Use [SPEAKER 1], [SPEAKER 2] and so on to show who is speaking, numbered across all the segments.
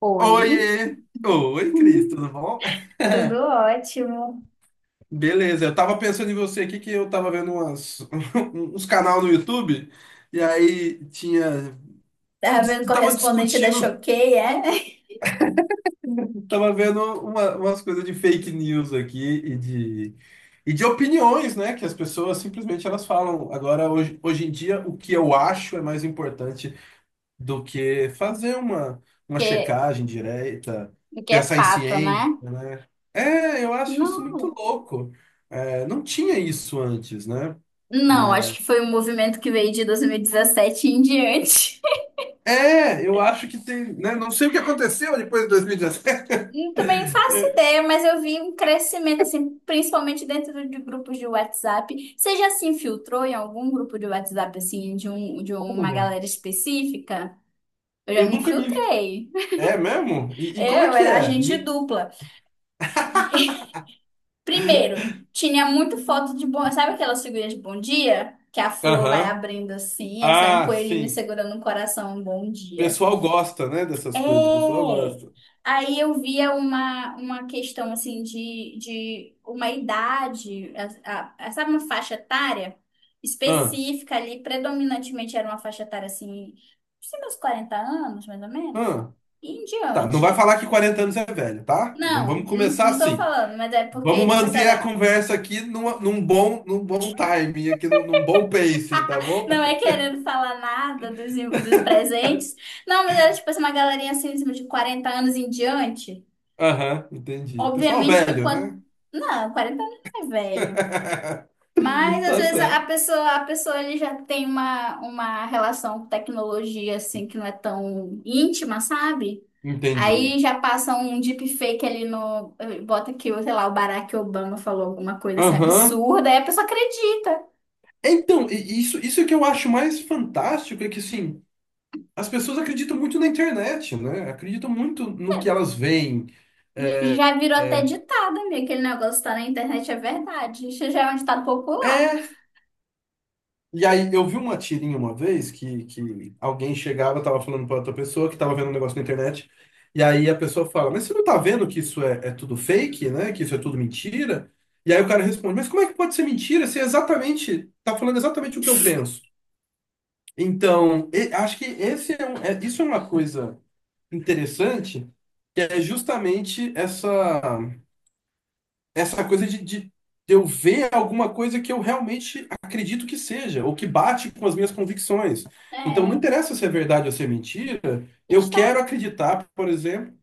[SPEAKER 1] Oi.
[SPEAKER 2] Oiê! Oi, Cris, tudo bom?
[SPEAKER 1] Tudo ótimo.
[SPEAKER 2] Beleza, eu tava pensando em você aqui que eu tava vendo umas, uns canal no YouTube e aí tinha.
[SPEAKER 1] Tá vendo
[SPEAKER 2] Tava
[SPEAKER 1] correspondente da
[SPEAKER 2] discutindo,
[SPEAKER 1] Choquei, é?
[SPEAKER 2] tava vendo umas coisas de fake news aqui e de opiniões, né? Que as pessoas simplesmente elas falam. Agora, hoje em dia, o que eu acho é mais importante do que fazer uma, uma
[SPEAKER 1] que,
[SPEAKER 2] checagem direta,
[SPEAKER 1] que é
[SPEAKER 2] pensar em
[SPEAKER 1] fato,
[SPEAKER 2] ciência,
[SPEAKER 1] né?
[SPEAKER 2] né? É, eu acho isso muito
[SPEAKER 1] Não.
[SPEAKER 2] louco. É, não tinha isso antes, né?
[SPEAKER 1] Não, acho que foi um movimento que veio de 2017 em diante.
[SPEAKER 2] É, é, eu acho que tem, né? Não sei o que aconteceu depois de 2017.
[SPEAKER 1] Eu também não faço
[SPEAKER 2] É,
[SPEAKER 1] ideia, mas eu vi um crescimento, assim, principalmente dentro de grupos de WhatsApp. Você já se infiltrou em algum grupo de WhatsApp, assim, de uma
[SPEAKER 2] olha,
[SPEAKER 1] galera específica? Eu já
[SPEAKER 2] eu
[SPEAKER 1] me
[SPEAKER 2] nunca me.
[SPEAKER 1] infiltrei.
[SPEAKER 2] É mesmo? E como é
[SPEAKER 1] Eu
[SPEAKER 2] que
[SPEAKER 1] era
[SPEAKER 2] é?
[SPEAKER 1] agente dupla. Primeiro, tinha muito foto de bom. Sabe aquelas figurinhas de bom dia? Que a flor vai
[SPEAKER 2] Aham.
[SPEAKER 1] abrindo assim, aí sai um
[SPEAKER 2] Ah,
[SPEAKER 1] coelhinho
[SPEAKER 2] sim.
[SPEAKER 1] segurando um coração, um bom
[SPEAKER 2] O
[SPEAKER 1] dia.
[SPEAKER 2] pessoal gosta, né, dessas coisas. O
[SPEAKER 1] É!
[SPEAKER 2] pessoal gosta.
[SPEAKER 1] Aí eu via uma questão assim de uma idade, sabe, uma faixa etária
[SPEAKER 2] Ah,
[SPEAKER 1] específica ali, predominantemente era uma faixa etária assim, assim, meus 40 anos, mais ou menos,
[SPEAKER 2] ah.
[SPEAKER 1] e em
[SPEAKER 2] Tá, não vai
[SPEAKER 1] diante.
[SPEAKER 2] falar que 40 anos é velho, tá? Vamos
[SPEAKER 1] Não,
[SPEAKER 2] vamos
[SPEAKER 1] não,
[SPEAKER 2] começar
[SPEAKER 1] não tô
[SPEAKER 2] assim.
[SPEAKER 1] falando, mas é
[SPEAKER 2] Vamos
[SPEAKER 1] porque, tipo assim,
[SPEAKER 2] manter a conversa aqui num bom, num bom timing, aqui num bom pacing, tá bom?
[SPEAKER 1] não é querendo falar nada dos, dos presentes. Não, mas era tipo assim, uma galerinha assim, de 40 anos em diante.
[SPEAKER 2] Aham, entendi. Pessoal
[SPEAKER 1] Obviamente que
[SPEAKER 2] velho,
[SPEAKER 1] quando.
[SPEAKER 2] né?
[SPEAKER 1] Não, 40 anos não é velho. Mas às
[SPEAKER 2] Tá
[SPEAKER 1] vezes
[SPEAKER 2] certo.
[SPEAKER 1] a pessoa ele já tem uma relação com tecnologia assim que não é tão íntima, sabe?
[SPEAKER 2] Entendi.
[SPEAKER 1] Aí já passa um deepfake ali no. Bota que, sei lá, o Barack Obama falou alguma coisa assim
[SPEAKER 2] Aham.
[SPEAKER 1] absurda, aí a pessoa acredita.
[SPEAKER 2] Então, isso é que eu acho mais fantástico, é que, assim, as pessoas acreditam muito na internet, né? Acreditam muito no que elas veem. É,
[SPEAKER 1] Já virou até
[SPEAKER 2] é,
[SPEAKER 1] ditado, amiga. Aquele negócio tá na internet é verdade. Isso já é um ditado popular.
[SPEAKER 2] é. E aí, eu vi uma tirinha uma vez que alguém chegava, tava falando pra outra pessoa que tava vendo um negócio na internet, e aí a pessoa fala, mas você não tá vendo que isso é tudo fake, né? Que isso é tudo mentira? E aí o cara responde, mas como é que pode ser mentira se é exatamente, tá falando exatamente o que eu penso? Então, acho que esse é, um- é- isso é uma coisa interessante, que é justamente essa coisa de eu ver alguma coisa que eu realmente acredito que seja, ou que bate com as minhas convicções.
[SPEAKER 1] É,
[SPEAKER 2] Então, não
[SPEAKER 1] a
[SPEAKER 2] interessa se é verdade ou se é mentira, eu
[SPEAKER 1] gente tá,
[SPEAKER 2] quero acreditar, por exemplo.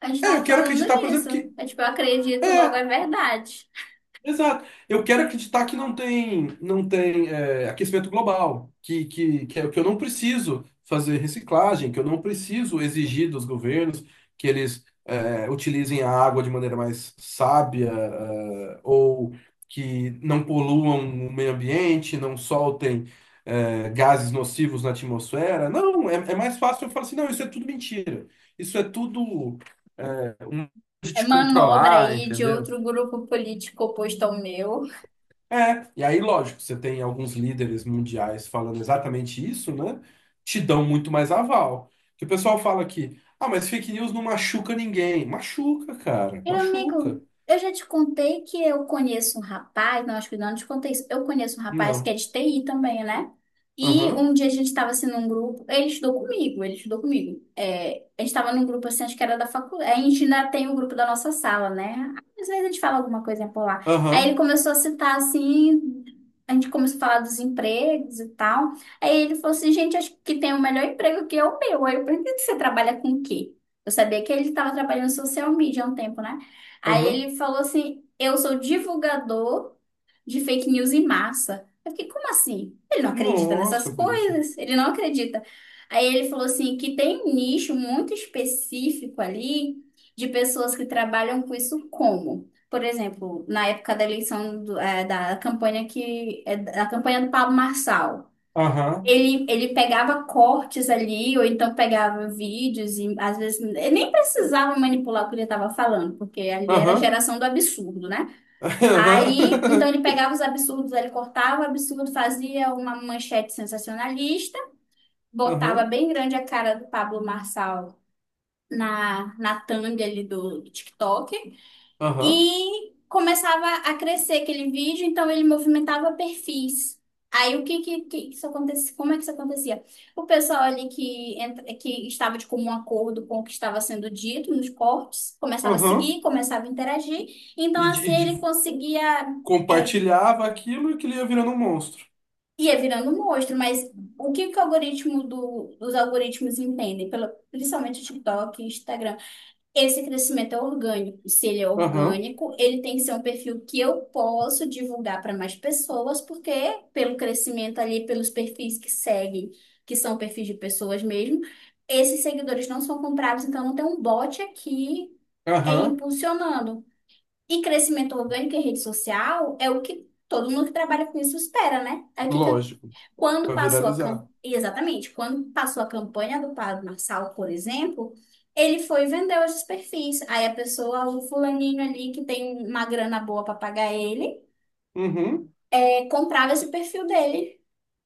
[SPEAKER 1] a gente
[SPEAKER 2] É, eu
[SPEAKER 1] tava
[SPEAKER 2] quero
[SPEAKER 1] falando
[SPEAKER 2] acreditar, por exemplo,
[SPEAKER 1] disso.
[SPEAKER 2] que.
[SPEAKER 1] É tipo, eu acredito, logo é verdade.
[SPEAKER 2] Exato. Eu quero acreditar que não tem aquecimento global, que eu não preciso fazer reciclagem, que eu não preciso exigir dos governos que eles utilizem a água de maneira mais sábia, ou que não poluam o meio ambiente, não soltem gases nocivos na atmosfera. Não, é mais fácil eu falar assim, não, isso é tudo mentira. Isso é tudo um modo de
[SPEAKER 1] É
[SPEAKER 2] te
[SPEAKER 1] manobra
[SPEAKER 2] controlar,
[SPEAKER 1] aí de
[SPEAKER 2] entendeu?
[SPEAKER 1] outro grupo político oposto ao meu.
[SPEAKER 2] É, e aí, lógico, você tem alguns líderes mundiais falando exatamente isso, né? Te dão muito mais aval. Que o pessoal fala que, ah, mas fake news não machuca ninguém. Machuca, cara,
[SPEAKER 1] Meu amigo,
[SPEAKER 2] machuca.
[SPEAKER 1] eu já te contei que eu conheço um rapaz, não, acho que não te contei isso. Eu conheço um rapaz que é
[SPEAKER 2] Não.
[SPEAKER 1] de TI também, né? E
[SPEAKER 2] Aham,
[SPEAKER 1] um dia a gente estava assim num grupo, ele estudou comigo. É, a gente estava num grupo assim, acho que era da faculdade. A gente ainda tem o grupo da nossa sala, né? Às vezes a gente fala alguma coisa por lá. Aí ele
[SPEAKER 2] aham,
[SPEAKER 1] começou a citar assim, a gente começou a falar dos empregos e tal. Aí ele falou assim, gente, acho que tem o melhor emprego que é o meu. Aí eu perguntei, você trabalha com o quê? Eu sabia que ele estava trabalhando em social media há um tempo, né? Aí
[SPEAKER 2] aham.
[SPEAKER 1] ele falou assim: eu sou divulgador de fake news em massa. Eu fiquei, como assim?
[SPEAKER 2] Nossa, bicho.
[SPEAKER 1] Ele não acredita. Aí ele falou assim: que tem um nicho muito específico ali de pessoas que trabalham com isso como? Por exemplo, na época da eleição do- eh, da campanha que é da campanha do Pablo Marçal.
[SPEAKER 2] Aham,
[SPEAKER 1] Ele pegava cortes ali, ou então pegava vídeos, e às vezes ele nem precisava manipular o que ele estava falando, porque ali era a
[SPEAKER 2] aham,
[SPEAKER 1] geração do absurdo, né? Aí, então ele pegava os absurdos, ele cortava o absurdo, fazia uma manchete sensacionalista, botava
[SPEAKER 2] aham,
[SPEAKER 1] bem grande a cara do Pablo Marçal na thumb ali do TikTok,
[SPEAKER 2] aham, aham,
[SPEAKER 1] e começava a crescer aquele vídeo, então ele movimentava perfis. Aí que isso acontecia? Como é que isso acontecia? O pessoal ali que estava de comum acordo com o que estava sendo dito nos cortes, começava a
[SPEAKER 2] aham.
[SPEAKER 1] seguir, começava a interagir. Então
[SPEAKER 2] E de,
[SPEAKER 1] assim
[SPEAKER 2] e
[SPEAKER 1] ele
[SPEAKER 2] de-
[SPEAKER 1] conseguia é,
[SPEAKER 2] compartilhava aquilo e aquilo ia virando um monstro.
[SPEAKER 1] ia virando um monstro, mas o que que o algoritmo do, os algoritmos entendem, pelo, principalmente o TikTok, e Instagram esse crescimento é orgânico. Se ele é
[SPEAKER 2] Aham,
[SPEAKER 1] orgânico, ele tem que ser um perfil que eu posso divulgar para mais pessoas, porque pelo crescimento ali, pelos perfis que seguem, que são perfis de pessoas mesmo, esses seguidores não são comprados, então não tem um bot aqui é
[SPEAKER 2] aham,
[SPEAKER 1] impulsionando. E crescimento orgânico em rede social é o que todo mundo que trabalha com isso espera, né? Aí o que que
[SPEAKER 2] lógico,
[SPEAKER 1] quando
[SPEAKER 2] pra
[SPEAKER 1] passou a cam...
[SPEAKER 2] viralizar.
[SPEAKER 1] Exatamente, quando passou a campanha do Pablo Marçal, por exemplo, ele foi e vendeu esses perfis. Aí a pessoa, o fulaninho ali que tem uma grana boa para pagar ele,
[SPEAKER 2] Uhum.
[SPEAKER 1] comprava esse perfil dele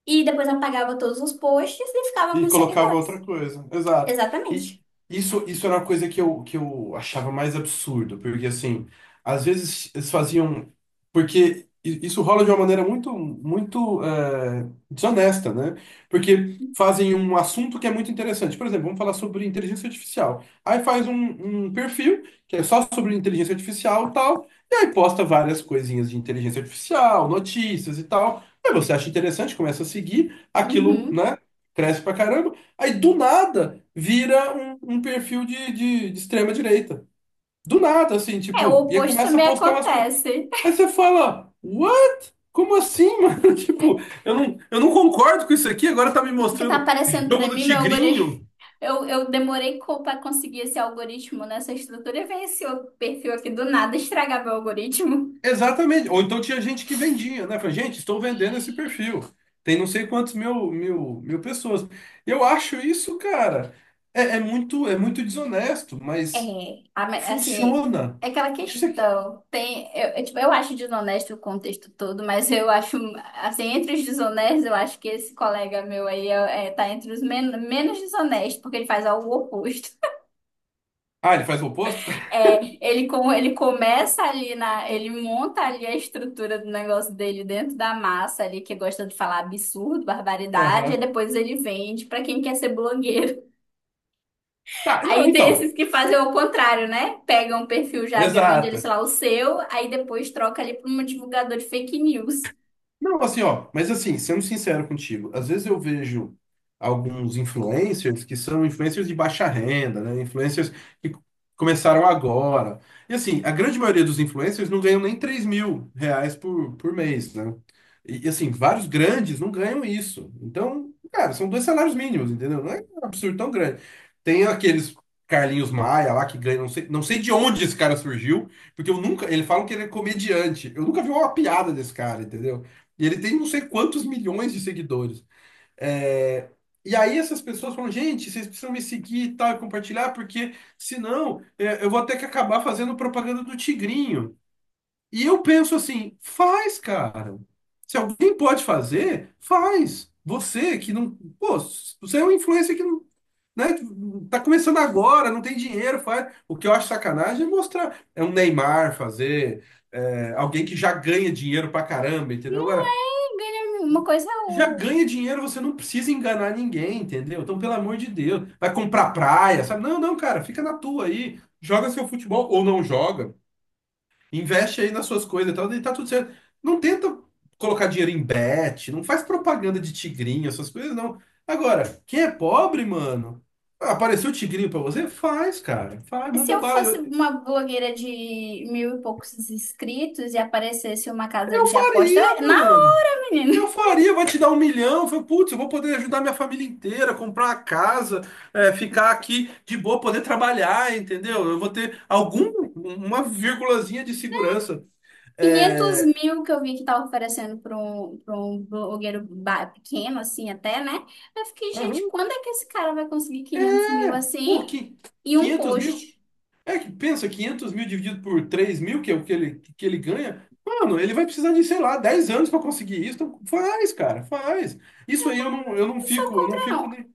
[SPEAKER 1] e depois apagava todos os posts e ficava com
[SPEAKER 2] E
[SPEAKER 1] os
[SPEAKER 2] colocava outra
[SPEAKER 1] seguidores.
[SPEAKER 2] coisa, exato. E
[SPEAKER 1] Exatamente.
[SPEAKER 2] isso era uma coisa que eu achava mais absurdo, porque assim, às vezes eles faziam. Porque isso rola de uma maneira muito, muito desonesta, né? Porque fazem um assunto que é muito interessante. Por exemplo, vamos falar sobre inteligência artificial. Aí faz um perfil que é só sobre inteligência artificial e tal, e aí posta várias coisinhas de inteligência artificial, notícias e tal. Aí você acha interessante, começa a seguir aquilo,
[SPEAKER 1] Uhum.
[SPEAKER 2] né? Cresce pra caramba. Aí do nada vira um perfil de extrema direita. Do nada, assim,
[SPEAKER 1] É, o
[SPEAKER 2] tipo, e aí
[SPEAKER 1] oposto
[SPEAKER 2] começa a
[SPEAKER 1] também
[SPEAKER 2] postar umas coisas.
[SPEAKER 1] acontece.
[SPEAKER 2] Aí você fala, what? Como assim, mano? Tipo, eu não concordo com isso aqui, agora tá me
[SPEAKER 1] O que tá
[SPEAKER 2] mostrando
[SPEAKER 1] aparecendo
[SPEAKER 2] jogo
[SPEAKER 1] para
[SPEAKER 2] do
[SPEAKER 1] mim, meu algoritmo,
[SPEAKER 2] Tigrinho.
[SPEAKER 1] eu demorei para conseguir esse algoritmo nessa estrutura e veio esse outro perfil aqui do nada estragar meu algoritmo.
[SPEAKER 2] Exatamente. Ou então tinha gente que vendia, né? Falei, gente, estou vendendo esse perfil. Tem não sei quantos mil, mil, mil pessoas. Eu acho isso, cara, é muito, é muito desonesto,
[SPEAKER 1] É,
[SPEAKER 2] mas
[SPEAKER 1] a me- assim,
[SPEAKER 2] funciona.
[SPEAKER 1] é aquela
[SPEAKER 2] Isso.
[SPEAKER 1] questão. Tem, tipo, eu acho desonesto o contexto todo, mas eu acho, assim, entre os desonestos, eu acho que esse colega meu aí é, tá entre os menos desonestos, porque ele faz algo oposto.
[SPEAKER 2] Ah, ele faz o oposto?
[SPEAKER 1] Ele começa ali na, ele monta ali a estrutura do negócio dele dentro da massa ali, que gosta de falar absurdo, barbaridade, e
[SPEAKER 2] Aham.
[SPEAKER 1] depois ele vende pra quem quer ser blogueiro.
[SPEAKER 2] Tá, não,
[SPEAKER 1] Aí tem esses
[SPEAKER 2] então.
[SPEAKER 1] que fazem o contrário, né? Pegam um perfil já grande, ele,
[SPEAKER 2] Exato.
[SPEAKER 1] sei lá, o seu, aí depois troca ali para um divulgador de fake news.
[SPEAKER 2] Não, assim, ó, mas assim, sendo sincero contigo, às vezes eu vejo alguns influencers que são influencers de baixa renda, né? Influencers que começaram agora. E assim, a grande maioria dos influencers não ganham nem R$ 3.000 por mês, né? Assim, vários grandes não ganham isso. Então, cara, são 2 salários mínimos, entendeu? Não é um absurdo tão grande. Tem aqueles Carlinhos Maia lá que ganha, não sei de onde esse cara surgiu, porque eu nunca, ele fala que ele é comediante. Eu nunca vi uma piada desse cara, entendeu? E ele tem não sei quantos milhões de seguidores. É. E aí essas pessoas falam, gente, vocês precisam me seguir e tal, e compartilhar, porque senão eu vou ter que acabar fazendo propaganda do Tigrinho. E eu penso assim, faz, cara. Se alguém pode fazer, faz. Você que não. Pô, você é um influencer que não. Né? Tá começando agora, não tem dinheiro, faz. O que eu acho sacanagem é mostrar. É um Neymar fazer, alguém que já ganha dinheiro pra caramba, entendeu?
[SPEAKER 1] Não
[SPEAKER 2] Agora,
[SPEAKER 1] é ganha uma coisa. É
[SPEAKER 2] já
[SPEAKER 1] o-
[SPEAKER 2] ganha dinheiro, você não precisa enganar ninguém, entendeu? Então, pelo amor de Deus, vai comprar praia, sabe? Não, não, cara, fica na tua aí, joga seu futebol ou não joga, investe aí nas suas coisas e tal, e tá tudo certo. Não tenta colocar dinheiro em bet, não faz propaganda de tigrinho, essas coisas, não. Agora, quem é pobre, mano, apareceu tigrinho pra você? Faz, cara, faz,
[SPEAKER 1] se
[SPEAKER 2] manda
[SPEAKER 1] eu
[SPEAKER 2] bala.
[SPEAKER 1] fosse
[SPEAKER 2] Eu,
[SPEAKER 1] uma blogueira de mil e poucos inscritos e aparecesse uma casa
[SPEAKER 2] eu
[SPEAKER 1] de aposta,
[SPEAKER 2] faria,
[SPEAKER 1] é na
[SPEAKER 2] mano.
[SPEAKER 1] hora,
[SPEAKER 2] Eu
[SPEAKER 1] menino.
[SPEAKER 2] faria, vai te dar 1 milhão. Eu falei, putz, eu vou poder ajudar minha família inteira, comprar uma casa, ficar aqui de boa, poder trabalhar, entendeu? Eu vou ter algum, uma vírgulazinha de segurança.
[SPEAKER 1] Quinhentos
[SPEAKER 2] É,
[SPEAKER 1] mil que eu vi que tava oferecendo para um pequeno, assim, até, né? Eu fiquei, gente,
[SPEAKER 2] aham,
[SPEAKER 1] quando é que esse cara vai conseguir 500 mil
[SPEAKER 2] é, pô,
[SPEAKER 1] assim e um
[SPEAKER 2] 500 mil?
[SPEAKER 1] post?
[SPEAKER 2] É, que pensa, 500 mil dividido por 3 mil, que é o que ele ganha. Mano, ele vai precisar de, sei lá, 10 anos para conseguir isso. Então faz, cara, faz. Isso aí
[SPEAKER 1] Não sou
[SPEAKER 2] eu não
[SPEAKER 1] contra,
[SPEAKER 2] fico
[SPEAKER 1] não.
[SPEAKER 2] nem.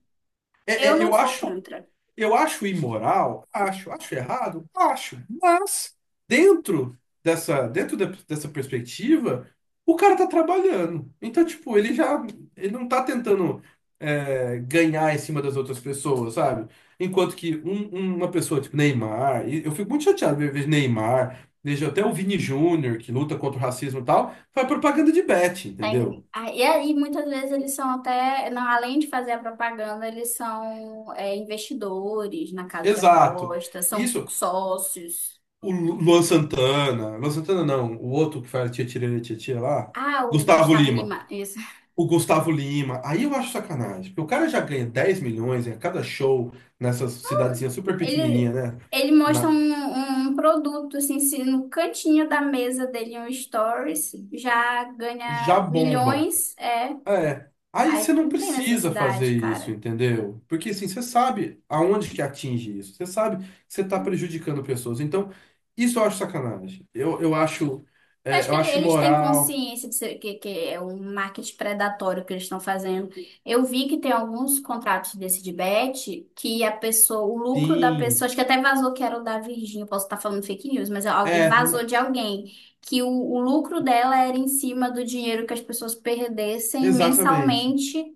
[SPEAKER 2] É,
[SPEAKER 1] Eu
[SPEAKER 2] é,
[SPEAKER 1] não
[SPEAKER 2] eu
[SPEAKER 1] sou
[SPEAKER 2] acho,
[SPEAKER 1] contra.
[SPEAKER 2] Eu acho imoral, acho, acho errado, acho, mas dentro dessa, dentro de- dessa perspectiva, o cara tá trabalhando. Então, tipo, ele já, ele não tá tentando ganhar em cima das outras pessoas, sabe? Enquanto que uma pessoa tipo Neymar, e eu fico muito chateado ver Neymar, vejo até o Vini Júnior, que luta contra o racismo e tal, faz propaganda de bet, entendeu?
[SPEAKER 1] Tem, ah, e aí, muitas vezes, eles são até, não, além de fazer a propaganda, investidores na casa de
[SPEAKER 2] Exato.
[SPEAKER 1] apostas, são
[SPEAKER 2] Isso.
[SPEAKER 1] sócios.
[SPEAKER 2] O Luan Santana, Luan Santana não, o outro que faz tia tirana tia tia lá,
[SPEAKER 1] Ah, o
[SPEAKER 2] Gustavo
[SPEAKER 1] Gustavo
[SPEAKER 2] Lima.
[SPEAKER 1] Lima, isso.
[SPEAKER 2] O Gustavo Lima, aí eu acho sacanagem, porque o cara já ganha 10 milhões em cada show nessas cidadezinha super
[SPEAKER 1] Ele,
[SPEAKER 2] pequenininha, né?
[SPEAKER 1] ele mostra
[SPEAKER 2] Na,
[SPEAKER 1] um produto, assim, se no cantinho da mesa dele, um stories, já
[SPEAKER 2] já
[SPEAKER 1] ganha
[SPEAKER 2] bomba.
[SPEAKER 1] milhões, é.
[SPEAKER 2] É, aí você
[SPEAKER 1] Aí
[SPEAKER 2] não
[SPEAKER 1] não tem
[SPEAKER 2] precisa fazer
[SPEAKER 1] necessidade,
[SPEAKER 2] isso,
[SPEAKER 1] cara.
[SPEAKER 2] entendeu? Porque assim, você sabe aonde que atinge isso, você sabe que você está prejudicando pessoas. Então, isso eu acho sacanagem. Eu acho,
[SPEAKER 1] Eu acho
[SPEAKER 2] eu
[SPEAKER 1] que
[SPEAKER 2] acho
[SPEAKER 1] eles têm
[SPEAKER 2] imoral,
[SPEAKER 1] consciência que é um marketing predatório que eles estão fazendo. Eu vi que tem alguns contratos desse de bet que a pessoa, o lucro da pessoa,
[SPEAKER 2] sim.
[SPEAKER 1] acho que até vazou que era o da Virgínia, eu posso estar falando fake news, mas é algo-
[SPEAKER 2] É,
[SPEAKER 1] vazou de alguém, que o lucro dela era em cima do dinheiro que as pessoas perdessem
[SPEAKER 2] exatamente,
[SPEAKER 1] mensalmente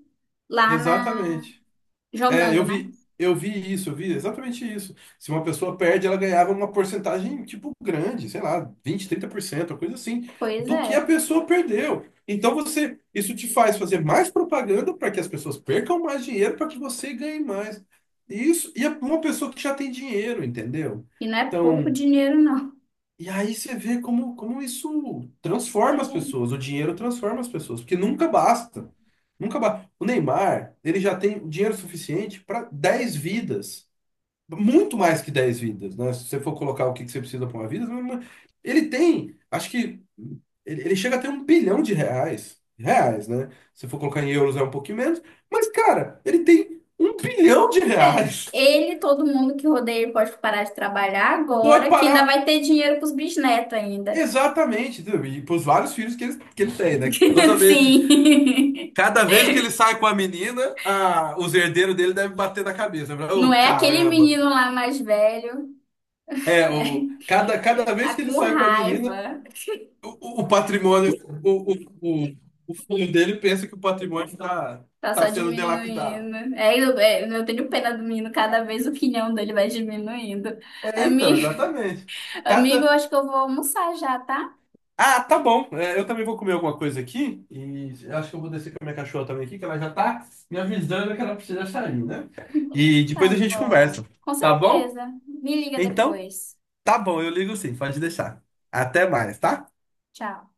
[SPEAKER 1] lá na,
[SPEAKER 2] exatamente. É,
[SPEAKER 1] jogando,
[SPEAKER 2] eu
[SPEAKER 1] né?
[SPEAKER 2] vi, eu vi isso, eu vi exatamente isso. Se uma pessoa perde, ela ganhava uma porcentagem, tipo, grande, sei lá, vinte trinta por cento uma coisa assim,
[SPEAKER 1] Pois
[SPEAKER 2] do que a
[SPEAKER 1] é.
[SPEAKER 2] pessoa perdeu. Então você, isso te faz fazer mais propaganda para que as pessoas percam mais dinheiro, para que você ganhe mais. E isso, e é uma pessoa que já tem dinheiro, entendeu?
[SPEAKER 1] E não é pouco
[SPEAKER 2] Então,
[SPEAKER 1] dinheiro, não.
[SPEAKER 2] e aí você vê como isso transforma as
[SPEAKER 1] É.
[SPEAKER 2] pessoas, o dinheiro transforma as pessoas, porque nunca basta. Nunca basta. O Neymar, ele já tem dinheiro suficiente para 10 vidas, muito mais que 10 vidas, né? Se você for colocar o que que você precisa para uma vida, mas- ele tem, acho que ele chega a ter 1 bilhão de reais, reais, né? Se for colocar em euros é um pouquinho menos, mas cara, ele tem um bilhão de
[SPEAKER 1] É,
[SPEAKER 2] reais.
[SPEAKER 1] ele, todo mundo que rodeia ele pode parar de trabalhar
[SPEAKER 2] Pode
[SPEAKER 1] agora, que ainda
[SPEAKER 2] parar.
[SPEAKER 1] vai ter dinheiro pros bisnetos ainda.
[SPEAKER 2] Exatamente, entendeu? E pros vários filhos que ele tem, né? Toda vez,
[SPEAKER 1] Sim.
[SPEAKER 2] cada vez que ele sai com a menina, a, os herdeiros dele devem bater na cabeça.
[SPEAKER 1] Não
[SPEAKER 2] Oh,
[SPEAKER 1] é aquele
[SPEAKER 2] caramba!
[SPEAKER 1] menino lá mais velho,
[SPEAKER 2] É, o, cada,
[SPEAKER 1] é,
[SPEAKER 2] cada
[SPEAKER 1] tá
[SPEAKER 2] vez que ele
[SPEAKER 1] com
[SPEAKER 2] sai com a menina,
[SPEAKER 1] raiva,
[SPEAKER 2] o, o patrimônio, o, o, o, o filho dele pensa que o patrimônio está tá
[SPEAKER 1] tá
[SPEAKER 2] tá
[SPEAKER 1] só
[SPEAKER 2] sendo dilapidado.
[SPEAKER 1] diminuindo. É, eu tenho pena do menino, cada vez o quinhão dele vai diminuindo.
[SPEAKER 2] É, então,
[SPEAKER 1] Amigo,
[SPEAKER 2] exatamente.
[SPEAKER 1] amigo, eu
[SPEAKER 2] Cada
[SPEAKER 1] acho que eu vou almoçar já, tá?
[SPEAKER 2] Ah, tá bom. É, eu também vou comer alguma coisa aqui. E acho que eu vou descer com a minha cachorra também aqui, que ela já tá me avisando que ela precisa sair, né? E
[SPEAKER 1] Tá
[SPEAKER 2] depois a gente
[SPEAKER 1] bom.
[SPEAKER 2] conversa.
[SPEAKER 1] Com
[SPEAKER 2] Tá bom?
[SPEAKER 1] certeza. Me liga
[SPEAKER 2] Então,
[SPEAKER 1] depois.
[SPEAKER 2] tá bom, eu ligo sim, pode deixar. Até mais, tá?
[SPEAKER 1] Tchau.